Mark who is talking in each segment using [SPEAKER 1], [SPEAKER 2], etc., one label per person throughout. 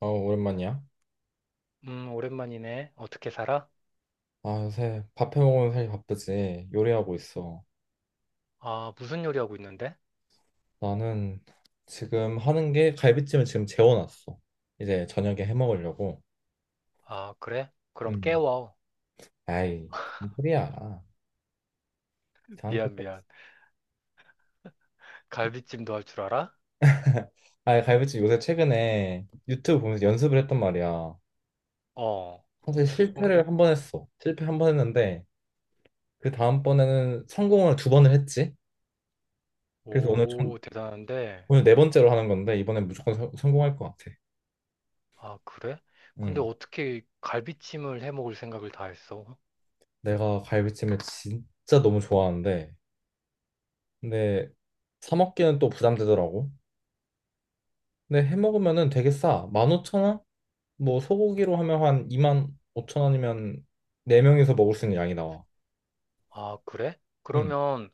[SPEAKER 1] 어, 오랜만이야.
[SPEAKER 2] 오랜만이네. 어떻게 살아?
[SPEAKER 1] 아, 요새 밥해 먹으면 살기 바쁘지. 요리하고 있어.
[SPEAKER 2] 아, 무슨 요리 하고 있는데?
[SPEAKER 1] 나는 지금 하는 게 갈비찜을 지금 재워놨어. 이제 저녁에 해 먹으려고.
[SPEAKER 2] 아, 그래? 그럼
[SPEAKER 1] 음.
[SPEAKER 2] 깨워.
[SPEAKER 1] 아이, 무슨 소리야.
[SPEAKER 2] 미안,
[SPEAKER 1] 자연스럽게.
[SPEAKER 2] 미안. 갈비찜도 할 줄 알아?
[SPEAKER 1] 아, 갈비찜 요새 최근에 유튜브 보면서 연습을 했단 말이야.
[SPEAKER 2] 어.
[SPEAKER 1] 사실
[SPEAKER 2] 응?
[SPEAKER 1] 실패를 한 번 했어. 실패 한 번 했는데 그 다음번에는 성공을 두 번을 했지. 그래서
[SPEAKER 2] 오, 대단한데.
[SPEAKER 1] 오늘 네 번째로 하는 건데 이번엔 무조건 성공할 것 같아.
[SPEAKER 2] 아, 그래?
[SPEAKER 1] 음.
[SPEAKER 2] 근데 어떻게 갈비찜을 해 먹을 생각을 다 했어?
[SPEAKER 1] 내가 갈비찜을 진짜 너무 좋아하는데 근데 사 먹기는 또 부담되더라고. 근데 해 먹으면은 되게 싸. 15,000원? 뭐 소고기로 하면 한 25,000원이면 네명이서 먹을 수 있는 양이 나와.
[SPEAKER 2] 아, 그래?
[SPEAKER 1] 응.
[SPEAKER 2] 그러면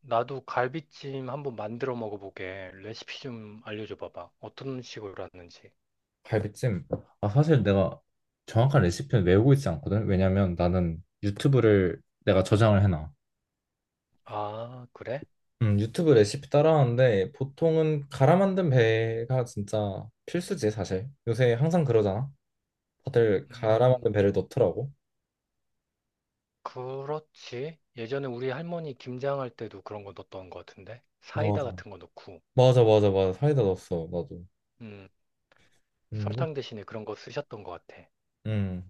[SPEAKER 2] 나도 갈비찜 한번 만들어 먹어보게. 레시피 좀 알려줘 봐봐. 어떤 식으로 하는지.
[SPEAKER 1] 갈비찜. 아, 사실 내가 정확한 레시피는 외우고 있지 않거든. 왜냐면 나는 유튜브를 내가 저장을 해놔.
[SPEAKER 2] 아, 그래?
[SPEAKER 1] 유튜브 레시피 따라하는데 보통은 갈아 만든 배가 진짜 필수지, 사실. 요새 항상 그러잖아. 다들 갈아
[SPEAKER 2] 음.
[SPEAKER 1] 만든 배를 넣더라고.
[SPEAKER 2] 그렇지. 예전에 우리 할머니 김장할 때도 그런 거 넣었던 것 같은데. 사이다
[SPEAKER 1] 맞아.
[SPEAKER 2] 같은 거 넣고,
[SPEAKER 1] 맞아, 맞아, 맞아. 사이다 넣었어, 나도.
[SPEAKER 2] 음,
[SPEAKER 1] 음,
[SPEAKER 2] 설탕 대신에 그런 거 쓰셨던 것 같아.
[SPEAKER 1] 음.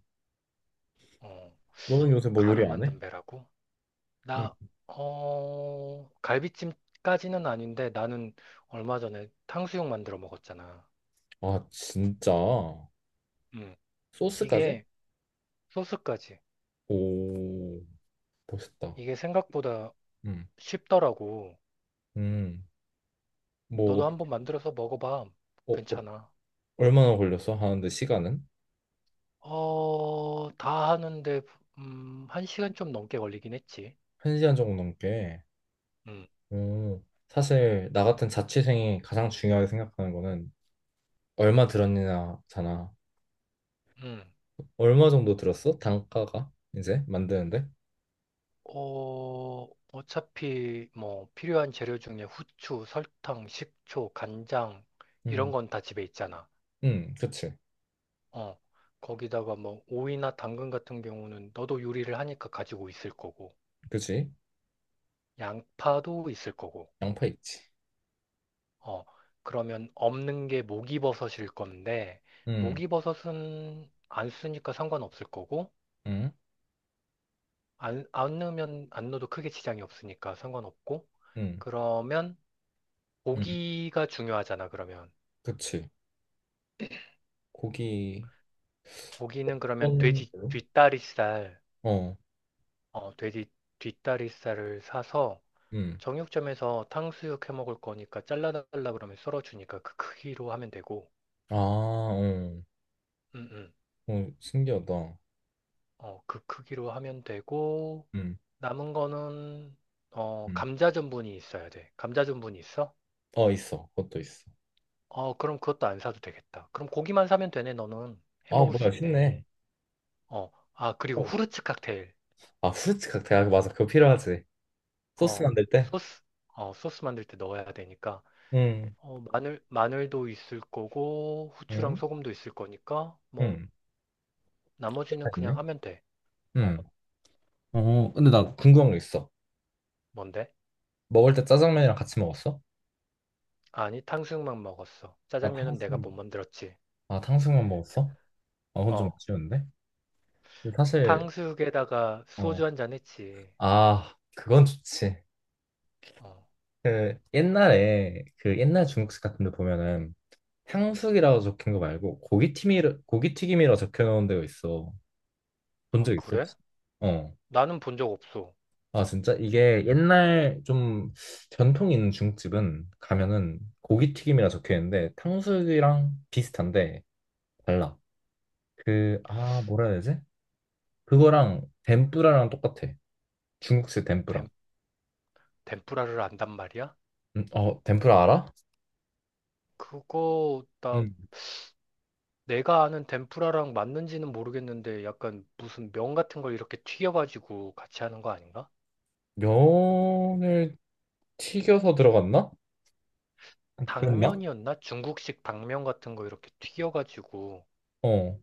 [SPEAKER 2] 어,
[SPEAKER 1] 너는 요새 뭐 요리
[SPEAKER 2] 갈아
[SPEAKER 1] 안 해?
[SPEAKER 2] 만든 배라고?
[SPEAKER 1] 음.
[SPEAKER 2] 나, 어, 갈비찜까지는 아닌데 나는 얼마 전에 탕수육 만들어 먹었잖아.
[SPEAKER 1] 아, 진짜?
[SPEAKER 2] 음,
[SPEAKER 1] 소스까지?
[SPEAKER 2] 이게 소스까지.
[SPEAKER 1] 오, 멋있다.
[SPEAKER 2] 이게 생각보다
[SPEAKER 1] 음,
[SPEAKER 2] 쉽더라고.
[SPEAKER 1] 음. 뭐,
[SPEAKER 2] 너도 한번 만들어서 먹어봐.
[SPEAKER 1] 어, 어, 어,
[SPEAKER 2] 괜찮아.
[SPEAKER 1] 얼마나 걸렸어? 하는데 시간은?
[SPEAKER 2] 어, 다 하는데, 한 시간 좀 넘게 걸리긴 했지.
[SPEAKER 1] 한 시간 정도 넘게.
[SPEAKER 2] 음,
[SPEAKER 1] 오, 사실 나 같은 자취생이 가장 중요하게 생각하는 거는 얼마 들었느냐잖아.
[SPEAKER 2] 음.
[SPEAKER 1] 얼마 정도 들었어? 단가가 이제 만드는데?
[SPEAKER 2] 어, 어차피 뭐 필요한 재료 중에 후추, 설탕, 식초, 간장 이런
[SPEAKER 1] 음,
[SPEAKER 2] 건 다 집에 있잖아.
[SPEAKER 1] 그치,
[SPEAKER 2] 어, 거기다가 뭐 오이나 당근 같은 경우는 너도 요리를 하니까 가지고 있을 거고,
[SPEAKER 1] 그치.
[SPEAKER 2] 양파도 있을 거고.
[SPEAKER 1] 양파 있지.
[SPEAKER 2] 어, 그러면 없는 게 목이버섯일 건데,
[SPEAKER 1] 음,
[SPEAKER 2] 목이버섯은 안 쓰니까 상관없을 거고,
[SPEAKER 1] 음,
[SPEAKER 2] 안 넣으면 안 넣어도 크게 지장이 없으니까 상관없고,
[SPEAKER 1] 음,
[SPEAKER 2] 그러면
[SPEAKER 1] 음,
[SPEAKER 2] 고기가 중요하잖아, 그러면.
[SPEAKER 1] 그치. 고기.
[SPEAKER 2] 고기는 그러면
[SPEAKER 1] 어떤
[SPEAKER 2] 돼지
[SPEAKER 1] 걸로?
[SPEAKER 2] 뒷다리살,
[SPEAKER 1] 어,
[SPEAKER 2] 어, 돼지 뒷다리살을 사서
[SPEAKER 1] 음.
[SPEAKER 2] 정육점에서 탕수육 해 먹을 거니까 잘라달라 그러면 썰어주니까 그 크기로 하면 되고,
[SPEAKER 1] 아, 어,
[SPEAKER 2] 음, 음.
[SPEAKER 1] 어, 신기하다.
[SPEAKER 2] 어, 그 크기로 하면 되고,
[SPEAKER 1] 음,
[SPEAKER 2] 남은 거는, 어,
[SPEAKER 1] 음.
[SPEAKER 2] 감자 전분이 있어야 돼. 감자 전분이 있어?
[SPEAKER 1] 어, 있어. 그것도 있어.
[SPEAKER 2] 어, 그럼 그것도 안 사도 되겠다. 그럼 고기만 사면 되네, 너는. 해
[SPEAKER 1] 아,
[SPEAKER 2] 먹을 수
[SPEAKER 1] 뭐야,
[SPEAKER 2] 있네.
[SPEAKER 1] 쉽네.
[SPEAKER 2] 어, 아, 그리고 후르츠 칵테일.
[SPEAKER 1] 아, 후르츠 칵테일. 아, 맞아. 그거 필요하지. 소스
[SPEAKER 2] 어,
[SPEAKER 1] 만들 때?
[SPEAKER 2] 소스, 어, 소스 만들 때 넣어야 되니까,
[SPEAKER 1] 응,
[SPEAKER 2] 어, 마늘, 마늘도 있을 거고, 후추랑
[SPEAKER 1] 응,
[SPEAKER 2] 소금도 있을 거니까, 뭐,
[SPEAKER 1] 응. 다
[SPEAKER 2] 나머지는 그냥
[SPEAKER 1] 있네.
[SPEAKER 2] 하면 돼.
[SPEAKER 1] 응.
[SPEAKER 2] 어,
[SPEAKER 1] 어, 근데 나 궁금한 거 있어.
[SPEAKER 2] 뭔데?
[SPEAKER 1] 먹을 때 짜장면이랑 같이 먹었어?
[SPEAKER 2] 아니, 탕수육만 먹었어.
[SPEAKER 1] 아,
[SPEAKER 2] 짜장면은 내가
[SPEAKER 1] 탕수육.
[SPEAKER 2] 못 만들었지.
[SPEAKER 1] 아, 탕수육만 먹었어? 아, 그건 좀
[SPEAKER 2] 어,
[SPEAKER 1] 아쉬운데? 근데 사실,
[SPEAKER 2] 탕수육에다가
[SPEAKER 1] 어,
[SPEAKER 2] 소주 한잔 했지.
[SPEAKER 1] 아, 그건 좋지.
[SPEAKER 2] 어,
[SPEAKER 1] 그, 옛날에, 그 옛날 중국집 같은 데 보면은 탕수육이라고 적힌 거 말고 고기튀김이라고 적혀놓은 데가 있어. 본
[SPEAKER 2] 아,
[SPEAKER 1] 적 있어
[SPEAKER 2] 그래?
[SPEAKER 1] 혹시? 어.
[SPEAKER 2] 나는 본 적 없어.
[SPEAKER 1] 아, 진짜 이게 옛날 좀 전통 있는 중국집은 가면은 고기튀김이라 적혀 있는데 탕수육이랑 비슷한데 달라. 그 아 뭐라 해야 되지? 그거랑 덴뿌라랑 똑같아. 중국식 덴뿌라.
[SPEAKER 2] 덴, 덴푸라를 안단 말이야?
[SPEAKER 1] 어 덴뿌라 알아?
[SPEAKER 2] 그거, 나
[SPEAKER 1] 음.
[SPEAKER 2] 내가 아는 덴푸라랑 맞는지는 모르겠는데 약간 무슨 면 같은 걸 이렇게 튀겨가지고 같이 하는 거 아닌가?
[SPEAKER 1] 면을 튀겨서 들어갔나? 그랬나?
[SPEAKER 2] 당면이었나? 중국식 당면 같은 거 이렇게 튀겨가지고
[SPEAKER 1] 어.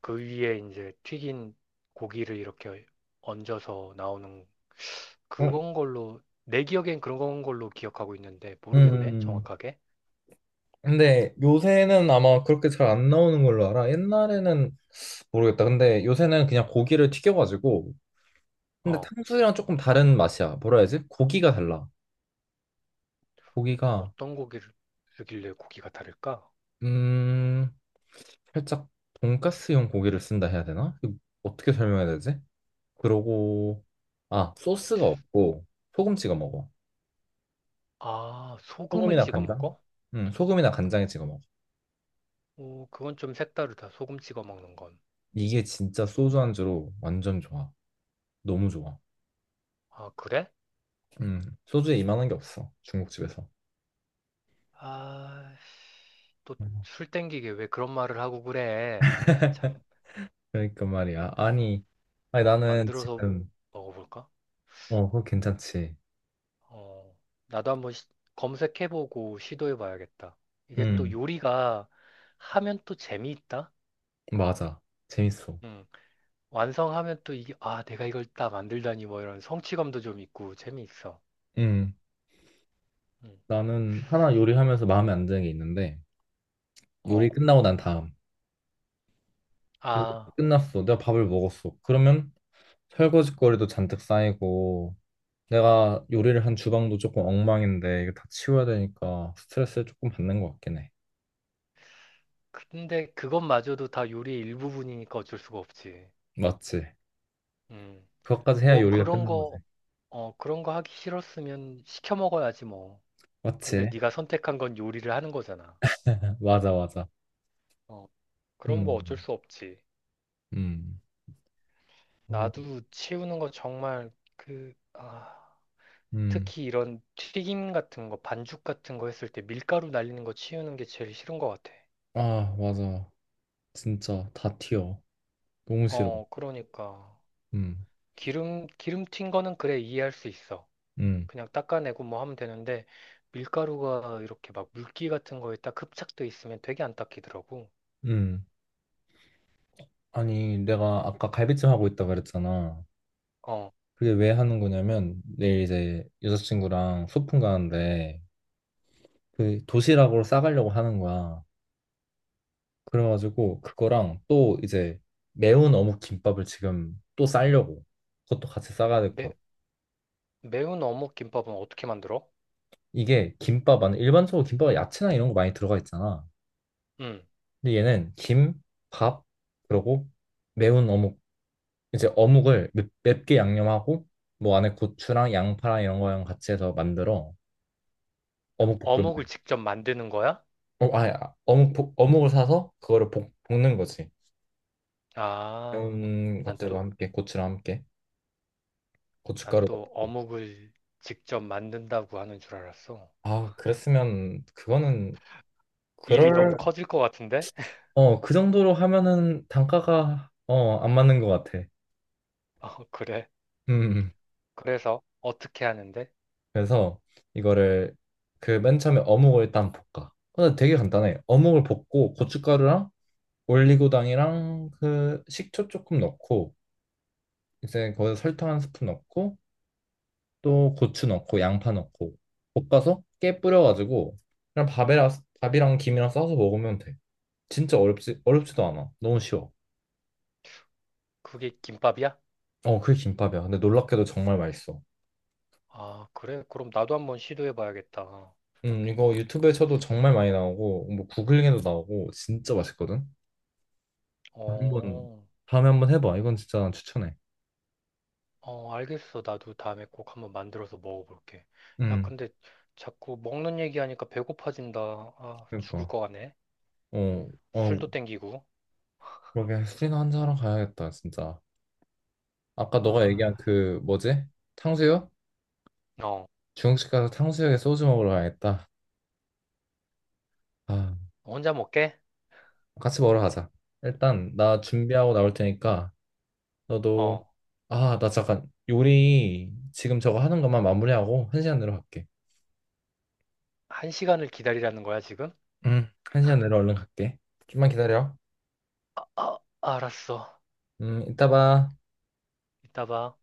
[SPEAKER 2] 그 위에 이제 튀긴 고기를 이렇게 얹어서 나오는
[SPEAKER 1] 어,
[SPEAKER 2] 그건 걸로 내 기억엔 그런 건 걸로 기억하고 있는데
[SPEAKER 1] 음.
[SPEAKER 2] 모르겠네
[SPEAKER 1] 음.
[SPEAKER 2] 정확하게.
[SPEAKER 1] 근데 요새는 아마 그렇게 잘 안 나오는 걸로 알아. 옛날에는 모르겠다. 근데 요새는 그냥 고기를 튀겨가지고. 근데
[SPEAKER 2] 어,
[SPEAKER 1] 탕수육이랑 조금 다른 맛이야. 뭐라 해야지? 고기가 달라. 고기가,
[SPEAKER 2] 어떤 고기를 쓰길래 고기가 다를까?
[SPEAKER 1] 음, 살짝 돈가스용 고기를 쓴다 해야 되나? 이거 어떻게 설명해야 되지? 그러고, 아, 소스가 없고 소금 찍어 먹어.
[SPEAKER 2] 아, 소금을
[SPEAKER 1] 소금이나
[SPEAKER 2] 찍어
[SPEAKER 1] 간장?
[SPEAKER 2] 먹어?
[SPEAKER 1] 응, 소금이나 간장에 찍어 먹어.
[SPEAKER 2] 오, 그건 좀 색다르다. 소금 찍어 먹는 건.
[SPEAKER 1] 이게 진짜 소주 안주로 완전 좋아. 너무 좋아.
[SPEAKER 2] 아, 그래?
[SPEAKER 1] 음, 소주에 이만한 게 없어. 중국집에서.
[SPEAKER 2] 아, 또 술 땡기게 왜 그런 말을 하고 그래? 아이, 참.
[SPEAKER 1] 그러니까 말이야. 아니, 아니 나는
[SPEAKER 2] 만들어서
[SPEAKER 1] 지금
[SPEAKER 2] 먹어볼까?
[SPEAKER 1] 어, 그거 괜찮지.
[SPEAKER 2] 어, 나도 검색해보고 시도해봐야겠다. 이게 또
[SPEAKER 1] 음,
[SPEAKER 2] 요리가 하면 또 재미있다?
[SPEAKER 1] 맞아. 재밌어.
[SPEAKER 2] 응. 완성하면 또 이게, 아, 내가 이걸 딱 만들다니 뭐 이런 성취감도 좀 있고 재미있어.
[SPEAKER 1] 음,
[SPEAKER 2] 응.
[SPEAKER 1] 나는 하나 요리하면서 마음에 안 드는 게 있는데 요리
[SPEAKER 2] 어.
[SPEAKER 1] 끝나고 난 다음. 요리
[SPEAKER 2] 아,
[SPEAKER 1] 끝났어. 내가 밥을 먹었어. 그러면 설거지거리도 잔뜩 쌓이고 내가 요리를 한 주방도 조금 엉망인데 이거 다 치워야 되니까 스트레스를 조금 받는 것 같긴 해.
[SPEAKER 2] 근데 그것마저도 다 요리의 일부분이니까 어쩔 수가 없지.
[SPEAKER 1] 맞지?
[SPEAKER 2] 음.
[SPEAKER 1] 그것까지 해야
[SPEAKER 2] 뭐
[SPEAKER 1] 요리가
[SPEAKER 2] 그런
[SPEAKER 1] 끝난 거지.
[SPEAKER 2] 거, 어, 그런 거 하기 싫었으면 시켜 먹어야지 뭐. 근데
[SPEAKER 1] 맞지?
[SPEAKER 2] 네가 선택한 건 요리를 하는 거잖아.
[SPEAKER 1] 맞아, 맞아.
[SPEAKER 2] 어, 그럼 뭐 어쩔
[SPEAKER 1] 음,
[SPEAKER 2] 수 없지.
[SPEAKER 1] 음, 음.
[SPEAKER 2] 나도 치우는 거 정말 그, 아,
[SPEAKER 1] 음.
[SPEAKER 2] 특히 이런 튀김 같은 거, 반죽 같은 거 했을 때 밀가루 날리는 거 치우는 게 제일 싫은 것 같아.
[SPEAKER 1] 아, 맞아. 진짜 다 튀어. 너무 싫어.
[SPEAKER 2] 어, 그러니까.
[SPEAKER 1] 음,
[SPEAKER 2] 기름 튄 거는 그래 이해할 수 있어.
[SPEAKER 1] 음,
[SPEAKER 2] 그냥 닦아내고 뭐 하면 되는데 밀가루가 이렇게 막 물기 같은 거에 딱 흡착돼 있으면 되게 안 닦이더라고.
[SPEAKER 1] 음. 아니, 내가 아까 갈비찜 하고 있다 그랬잖아.
[SPEAKER 2] 어.
[SPEAKER 1] 그게 왜 하는 거냐면 내일 이제 여자친구랑 소풍 가는데 그 도시락으로 싸가려고 하는 거야. 그래가지고 그거랑 또 이제 매운 어묵 김밥을 지금 또 싸려고. 그것도 같이 싸가야 될 것
[SPEAKER 2] 매,
[SPEAKER 1] 같아.
[SPEAKER 2] 매운 어묵 김밥은 어떻게 만들어?
[SPEAKER 1] 이게 김밥 안에 일반적으로 김밥에 야채나 이런 거 많이 들어가 있잖아.
[SPEAKER 2] 응.
[SPEAKER 1] 근데 얘는 김, 밥, 그리고 매운 어묵 이제 어묵을 맵게 양념하고 뭐 안에 고추랑 양파랑 이런 거랑 같이 해서 만들어 어묵 볶음을
[SPEAKER 2] 어묵을 직접 만드는 거야?
[SPEAKER 1] 어, 아니, 아, 어묵을 사서 그거를 볶는 거지
[SPEAKER 2] 아,
[SPEAKER 1] 매운
[SPEAKER 2] 난
[SPEAKER 1] 것들과
[SPEAKER 2] 또,
[SPEAKER 1] 함께 고추랑 함께
[SPEAKER 2] 난
[SPEAKER 1] 고춧가루
[SPEAKER 2] 또
[SPEAKER 1] 넣고
[SPEAKER 2] 어묵을 직접 만든다고 하는 줄 알았어.
[SPEAKER 1] 아 그랬으면 그거는
[SPEAKER 2] 일이 너무
[SPEAKER 1] 그럴
[SPEAKER 2] 커질 것 같은데?
[SPEAKER 1] 어 그 정도로 하면은 단가가 어 안 맞는 것 같아
[SPEAKER 2] 어, 그래.
[SPEAKER 1] 음 음.
[SPEAKER 2] 그래서 어떻게 하는데?
[SPEAKER 1] 그래서 이거를 그 맨 처음에 어묵을 일단 볶아 근데 되게 간단해 어묵을 볶고 고춧가루랑 올리고당이랑 그 식초 조금 넣고 이제 거기에 설탕 한 스푼 넣고 또 고추 넣고 양파 넣고 볶아서 깨 뿌려가지고 그냥 밥이랑 김이랑 싸서 먹으면 돼. 진짜 어렵지 어렵지도 않아. 너무 쉬워.
[SPEAKER 2] 그게 김밥이야?
[SPEAKER 1] 어, 그게 김밥이야. 근데 놀랍게도 정말 맛있어.
[SPEAKER 2] 아, 그래. 그럼 나도 한번 시도해 봐야겠다.
[SPEAKER 1] 이거 유튜브에 쳐도 정말 많이 나오고 뭐 구글링에도 나오고 진짜 맛있거든. 한번
[SPEAKER 2] 어,
[SPEAKER 1] 다음에 한번 해봐. 이건 진짜 추천해.
[SPEAKER 2] 어, 알겠어. 나도 다음에 꼭 한번 만들어서 먹어볼게. 야,
[SPEAKER 1] 음,
[SPEAKER 2] 근데 자꾸 먹는 얘기하니까 배고파진다. 아, 죽을
[SPEAKER 1] 그러니까.
[SPEAKER 2] 것 같네.
[SPEAKER 1] 어, 어,
[SPEAKER 2] 술도 땡기고.
[SPEAKER 1] 그러게 술이나 한잔하러 가야겠다, 진짜. 아까 너가 얘기한
[SPEAKER 2] 아,
[SPEAKER 1] 그 뭐지? 탕수육?
[SPEAKER 2] 어,
[SPEAKER 1] 중국집 가서 탕수육에 소주 먹으러 가야겠다. 아,
[SPEAKER 2] 혼자 먹게?
[SPEAKER 1] 같이 먹으러 가자. 일단 나
[SPEAKER 2] 그-
[SPEAKER 1] 준비하고 나올 테니까 너도
[SPEAKER 2] 어,
[SPEAKER 1] 아, 나 잠깐 요리 지금 저거 하는 것만 마무리하고 한 시간 내로 갈게.
[SPEAKER 2] 한 시간을 기다리라는 거야, 지금?
[SPEAKER 1] 응, 한 시간 내로 얼른 갈게. 좀만 기다려.
[SPEAKER 2] 아, 알았어.
[SPEAKER 1] 이따 봐.
[SPEAKER 2] 이따 봐.